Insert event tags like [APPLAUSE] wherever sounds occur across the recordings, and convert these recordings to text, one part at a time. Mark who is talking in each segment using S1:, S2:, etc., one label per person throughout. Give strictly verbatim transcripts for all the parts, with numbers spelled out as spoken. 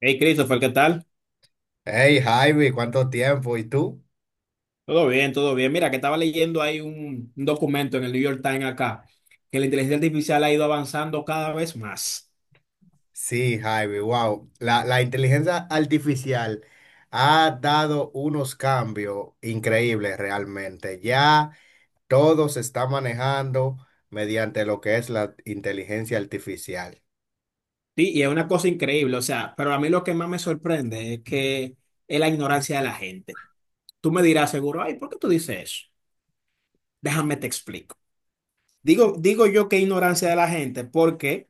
S1: Hey Christopher, ¿qué tal?
S2: Hey Javi, ¿cuánto tiempo? ¿Y tú?
S1: Todo bien, todo bien. Mira, que estaba leyendo ahí un, un documento en el New York Times acá, que la inteligencia artificial ha ido avanzando cada vez más.
S2: Sí, Javi, wow. La, la inteligencia artificial ha dado unos cambios increíbles realmente. Ya todo se está manejando mediante lo que es la inteligencia artificial.
S1: Sí, y es una cosa increíble, o sea, pero a mí lo que más me sorprende es que es la ignorancia de la gente. Tú me dirás seguro, ay, ¿por qué tú dices eso? Déjame te explico. Digo, digo yo que ignorancia de la gente porque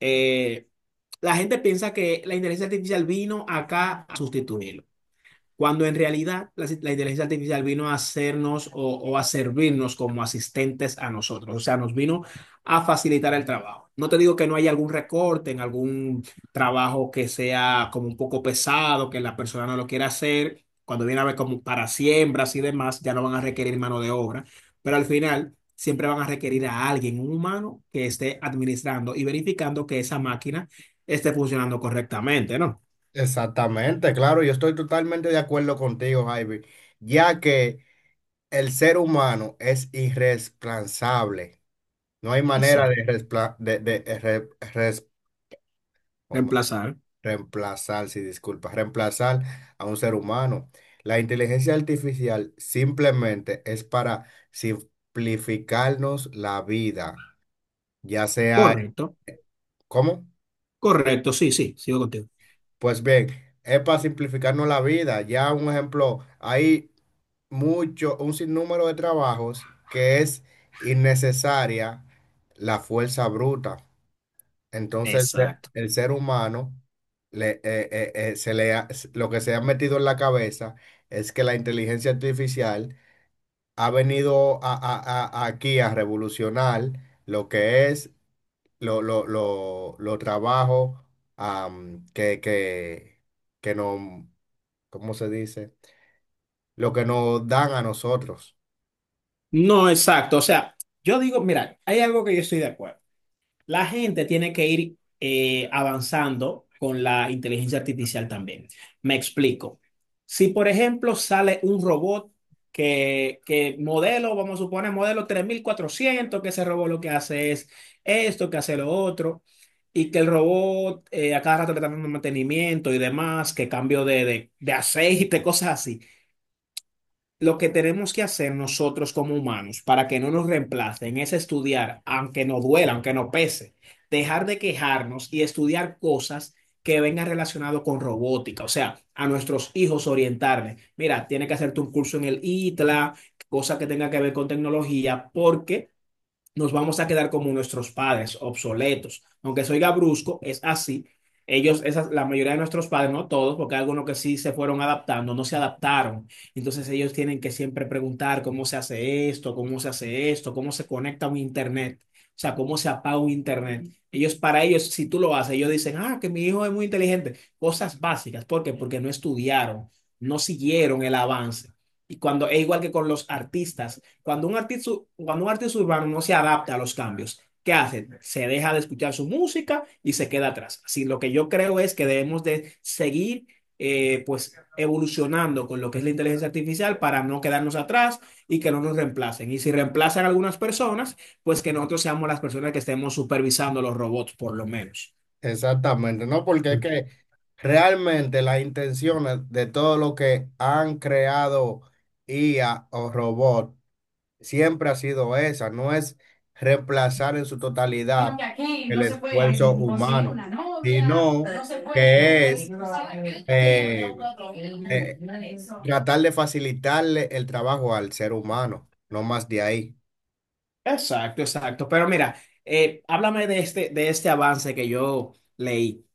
S1: eh, la gente piensa que la inteligencia artificial vino acá a sustituirlo. Cuando en realidad la, la inteligencia artificial vino a hacernos o, o a servirnos como asistentes a nosotros, o sea, nos vino a facilitar el trabajo. No te digo que no haya algún recorte en algún trabajo que sea como un poco pesado, que la persona no lo quiera hacer, cuando viene a ver como para siembras y demás, ya no van a requerir mano de obra, pero al final siempre van a requerir a alguien, un humano, que esté administrando y verificando que esa máquina esté funcionando correctamente, ¿no?
S2: Exactamente, claro, yo estoy totalmente de acuerdo contigo, Javi, ya que el ser humano es irreemplazable. No hay manera
S1: Eso,
S2: de, respla- de, de- de re- res-
S1: reemplazar,
S2: Reemplazar, sí, disculpa, reemplazar a un ser humano. La inteligencia artificial simplemente es para simplificarnos la vida, ya sea, en-
S1: correcto.
S2: ¿cómo?
S1: Correcto, sí, sí, sigo contigo.
S2: Pues bien, es para simplificarnos la vida. Ya un ejemplo, hay mucho, un sinnúmero de trabajos que es innecesaria la fuerza bruta. Entonces, el ser
S1: Exacto.
S2: el ser humano, le, eh, eh, eh, se le ha- s- lo que se ha metido en la cabeza es que la inteligencia artificial ha venido a- a- a- aquí a revolucionar lo que es lo, lo, lo, lo trabajo am, que, que, que nos, ¿cómo se dice? Lo que nos dan a nosotros.
S1: No, exacto. O sea, yo digo, mira, hay algo que yo estoy de acuerdo. La gente tiene que ir eh, avanzando con la inteligencia artificial también. Me explico. Si, por ejemplo, sale un robot que, que modelo, vamos a suponer, modelo tres mil cuatrocientos, que ese robot lo que hace es esto, que hace lo otro, y que el robot eh, a cada rato le está dando mantenimiento y demás, que cambio de, de, de aceite, [LAUGHS] cosas así. Lo que tenemos que hacer nosotros como humanos para que no nos reemplacen es estudiar, aunque nos duela, aunque nos pese, dejar de quejarnos y estudiar cosas que vengan relacionado con robótica, o sea, a nuestros hijos orientarles. Mira, tiene que hacerte un curso en el I T L A, cosa que tenga que ver con tecnología, porque nos vamos a quedar como nuestros padres, obsoletos. Aunque soy gabrusco, es así. Ellos, esas, la mayoría de nuestros padres, no todos, porque hay algunos que sí se fueron adaptando, no se adaptaron. Entonces ellos tienen que siempre preguntar cómo se hace esto, cómo se hace esto, cómo se conecta un internet, o sea, cómo se apaga un internet. Ellos, para ellos, si tú lo haces, ellos dicen, ah, que mi hijo es muy inteligente. Cosas básicas. ¿Por qué? Porque no estudiaron, no siguieron el avance. Y cuando es igual que con los artistas. Cuando un artista, cuando un artista urbano no se adapta a los cambios, ¿qué hace? Se deja de escuchar su música y se queda atrás. Así, lo que yo creo es que debemos de seguir eh, pues evolucionando con lo que es la inteligencia artificial para no quedarnos atrás y que no nos reemplacen. Y si reemplazan a algunas personas, pues que nosotros seamos las personas que estemos supervisando los robots, por lo menos.
S2: Exactamente, ¿no? Porque es que realmente las intenciones de todo lo que han creado I A o robot siempre ha sido esa, no es reemplazar en su
S1: Sino
S2: totalidad
S1: que aquí
S2: el
S1: no se
S2: esfuerzo
S1: puede conseguir
S2: humano,
S1: una novia,
S2: sino
S1: no se puede
S2: que es eh, eh,
S1: eso.
S2: tratar de facilitarle el trabajo al ser humano, no más de ahí.
S1: Exacto, exacto. Pero mira, eh, háblame de este, de este avance que yo leí.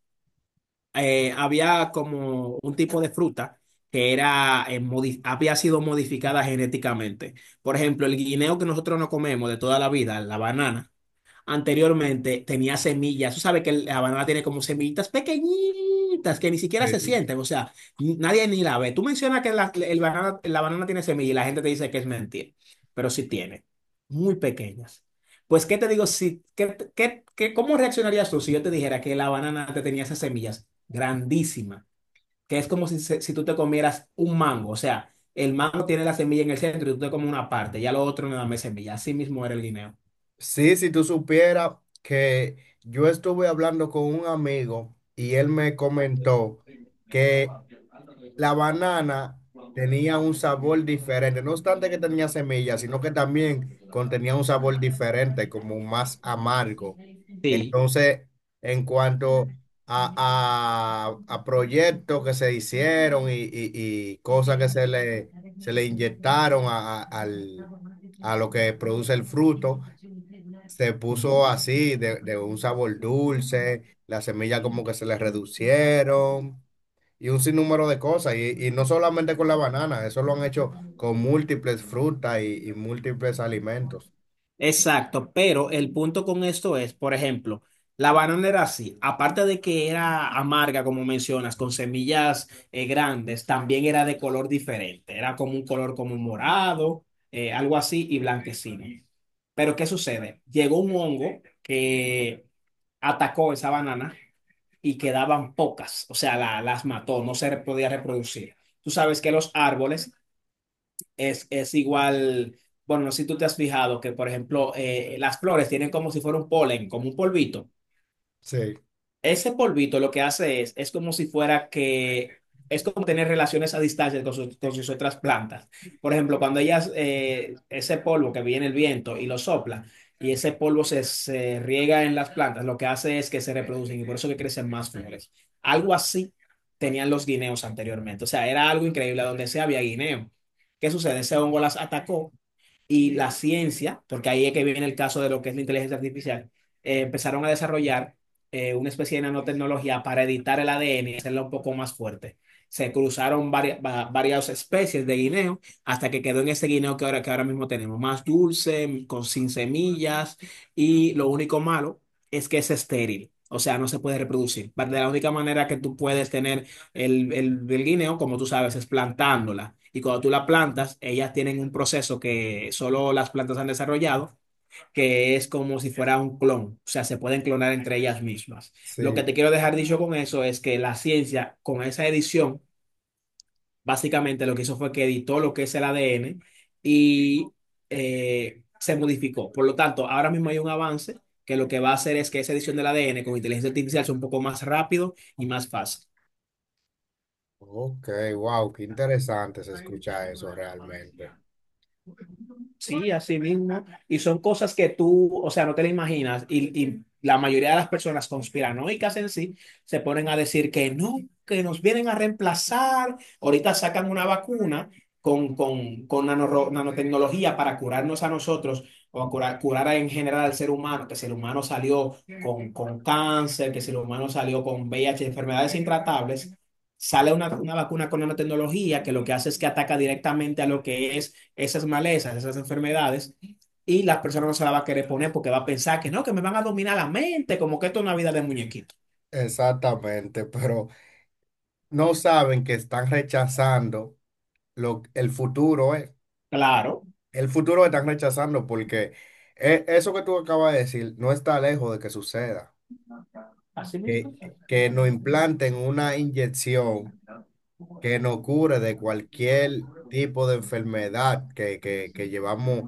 S1: Eh, había como un tipo de fruta que era, eh, modi- había sido modificada genéticamente. Por ejemplo, el guineo que nosotros no comemos de toda la vida, la banana anteriormente tenía semillas. Tú sabes que la banana tiene como semillitas pequeñitas que ni siquiera se
S2: Sí.
S1: sienten, o sea, ni- nadie ni la ve. Tú mencionas que la, el banana, la banana tiene semillas y la gente te dice que es mentira, pero sí tiene, muy pequeñas. Pues, ¿qué te digo? Si, ¿qué, qué, qué- cómo reaccionarías tú si yo te dijera que la banana te tenía esas semillas grandísimas? Que es como si, se- si tú te comieras un mango, o sea, el mango tiene la semilla en el centro y tú te comes una parte, ya lo otro no da más semilla. Así mismo era el guineo.
S2: Sí, si tú supieras que yo estuve hablando con un amigo y él me comentó que la banana tenía un sabor diferente, no obstante que tenía semillas, sino que también contenía un sabor diferente, como más amargo.
S1: Sí.
S2: Entonces, en cuanto a, a- a proyectos que se hicieron y, y- y cosas que se le, se le inyectaron a a- al- a lo que produce el fruto, se puso
S1: Ujú.
S2: así, de, de un sabor dulce, las semillas como que se le reducieron y un sinnúmero de cosas. Y, y no solamente con la banana, eso lo han hecho con múltiples frutas y, y múltiples alimentos.
S1: Exacto, pero el punto con esto es, por ejemplo, la banana era así, aparte de que era amarga, como mencionas, con semillas eh, grandes, también era de color diferente, era como un color como morado, eh, algo así, y blanquecino. Pero ¿qué sucede? Llegó un hongo que atacó esa banana y quedaban pocas, o sea, la- las mató, no se re- podía reproducir. Tú sabes que los árboles es, es igual, bueno, no sé si tú te has fijado que, por ejemplo, eh, las flores tienen como si fuera un polen, como un polvito.
S2: Sí,
S1: Ese polvito lo que hace es, es como si fuera que, es como tener relaciones a distancia con sus, con sus otras plantas. Por ejemplo, cuando ellas, eh, ese polvo que viene el viento y lo sopla, y ese polvo se, se riega en las plantas, lo que hace es que se reproducen y por eso que crecen más flores. Algo así tenían los guineos anteriormente. O sea, era algo increíble, donde sea había guineo. ¿Qué sucede? Ese hongo las atacó y la ciencia, porque ahí es que viene el caso de lo que es la inteligencia artificial, eh, empezaron a desarrollar eh, una especie de nanotecnología para editar el A D N y hacerlo un poco más fuerte. Se cruzaron varias, va- varias especies de guineo hasta que quedó en ese guineo que ahora, que ahora mismo tenemos, más dulce, con sin semillas y lo único malo es que es estéril, o sea, no se puede reproducir. Va- De la única manera que tú puedes tener el, el, el guineo, como tú sabes, es plantándola. Y cuando tú la plantas, ellas tienen un proceso que solo las plantas han desarrollado, que es como si fuera un clon. O sea, se pueden clonar entre ellas mismas. Lo que
S2: sí.
S1: te quiero dejar dicho con eso es que la ciencia, con esa edición, básicamente lo que hizo fue que editó lo que es el A D N y eh, se modificó. Por lo tanto, ahora mismo hay un avance que lo que va a hacer es que esa edición del A D N con inteligencia artificial sea un poco más rápido y más fácil.
S2: Ok, wow, qué interesante se escucha eso realmente.
S1: Sí, así mismo. Y son cosas que tú, o sea, no te las imaginas. Y, y la mayoría de las personas conspiranoicas en sí se ponen a decir que no, que nos vienen a reemplazar. Ahorita sacan una vacuna con, con, con nanoro- nanotecnología para curarnos a nosotros o a curar, curar en general al ser humano, que si el humano salió con, con cáncer, que si el humano salió con V I h enfermedades intratables. Sale una, una vacuna con nanotecnología que lo que hace es que ataca directamente a lo que es esas malezas, esas enfermedades, y la persona no se la va a querer poner porque va a pensar que no, que me van a dominar la mente, como que esto es una vida de muñequito.
S2: Exactamente, pero no saben que están rechazando lo, el futuro, ¿eh?
S1: Claro,
S2: El futuro lo están rechazando porque eh, eso que tú acabas de decir no está lejos de que suceda.
S1: así
S2: Que,
S1: mismo.
S2: que nos implanten una inyección que nos cure de cualquier tipo de enfermedad que, que, que llevamos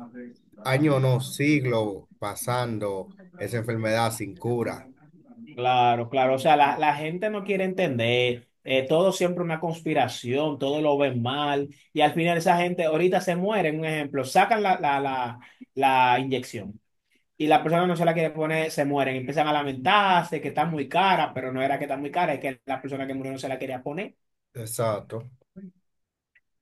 S2: años, no, siglos pasando esa enfermedad sin cura.
S1: Claro, claro. O sea, la, la gente no quiere entender. Eh, todo siempre una conspiración, todo lo ven mal, y al final esa gente ahorita se muere, un ejemplo, sacan la, la, la, la inyección. Y la persona no se la quiere poner, se mueren, empiezan a lamentarse que está muy cara, pero no era que está muy cara, es que la persona que murió no se la quería poner.
S2: Exacto.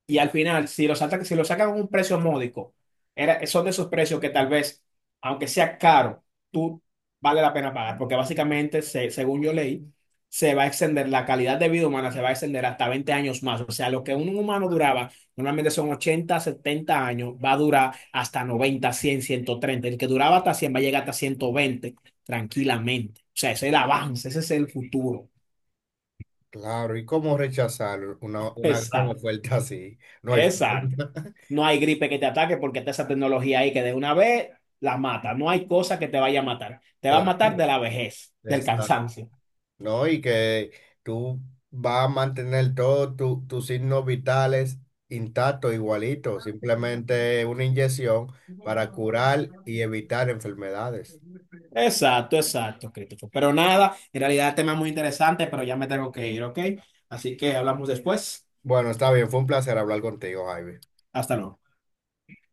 S1: Y al final, si lo sacan, si lo sacan a un precio módico, era, son de esos precios que tal vez, aunque sea caro, tú vale la pena pagar, porque básicamente, se- según yo leí, se va a extender, la calidad de vida humana se va a extender hasta veinte años más. O sea, lo que un humano duraba, normalmente son ochenta setenta años, va a durar hasta noventa cien ciento treinta. El que duraba hasta cien va a llegar hasta ciento veinte tranquilamente. O sea, ese es el avance, ese es el futuro.
S2: Claro, ¿y cómo rechazar una,
S1: [LAUGHS]
S2: una gran
S1: Exacto,
S2: oferta así? No hay
S1: exacto.
S2: forma. [LAUGHS]
S1: No hay gripe que te ataque porque está esa tecnología ahí que de una vez la mata. No hay cosa que te vaya a matar. Te va a
S2: Claro,
S1: matar de la vejez, del
S2: exacto.
S1: cansancio.
S2: ¿No? Y que tú vas a mantener todos tu- tus signos vitales intactos, igualitos, simplemente una inyección para curar y evitar enfermedades.
S1: Exacto, exacto, Crítico. Pero nada, en realidad el tema es muy interesante, pero ya me tengo que ir, ¿ok? Así que hablamos después.
S2: Bueno, está bien, fue un placer hablar contigo, Jaime.
S1: Hasta luego.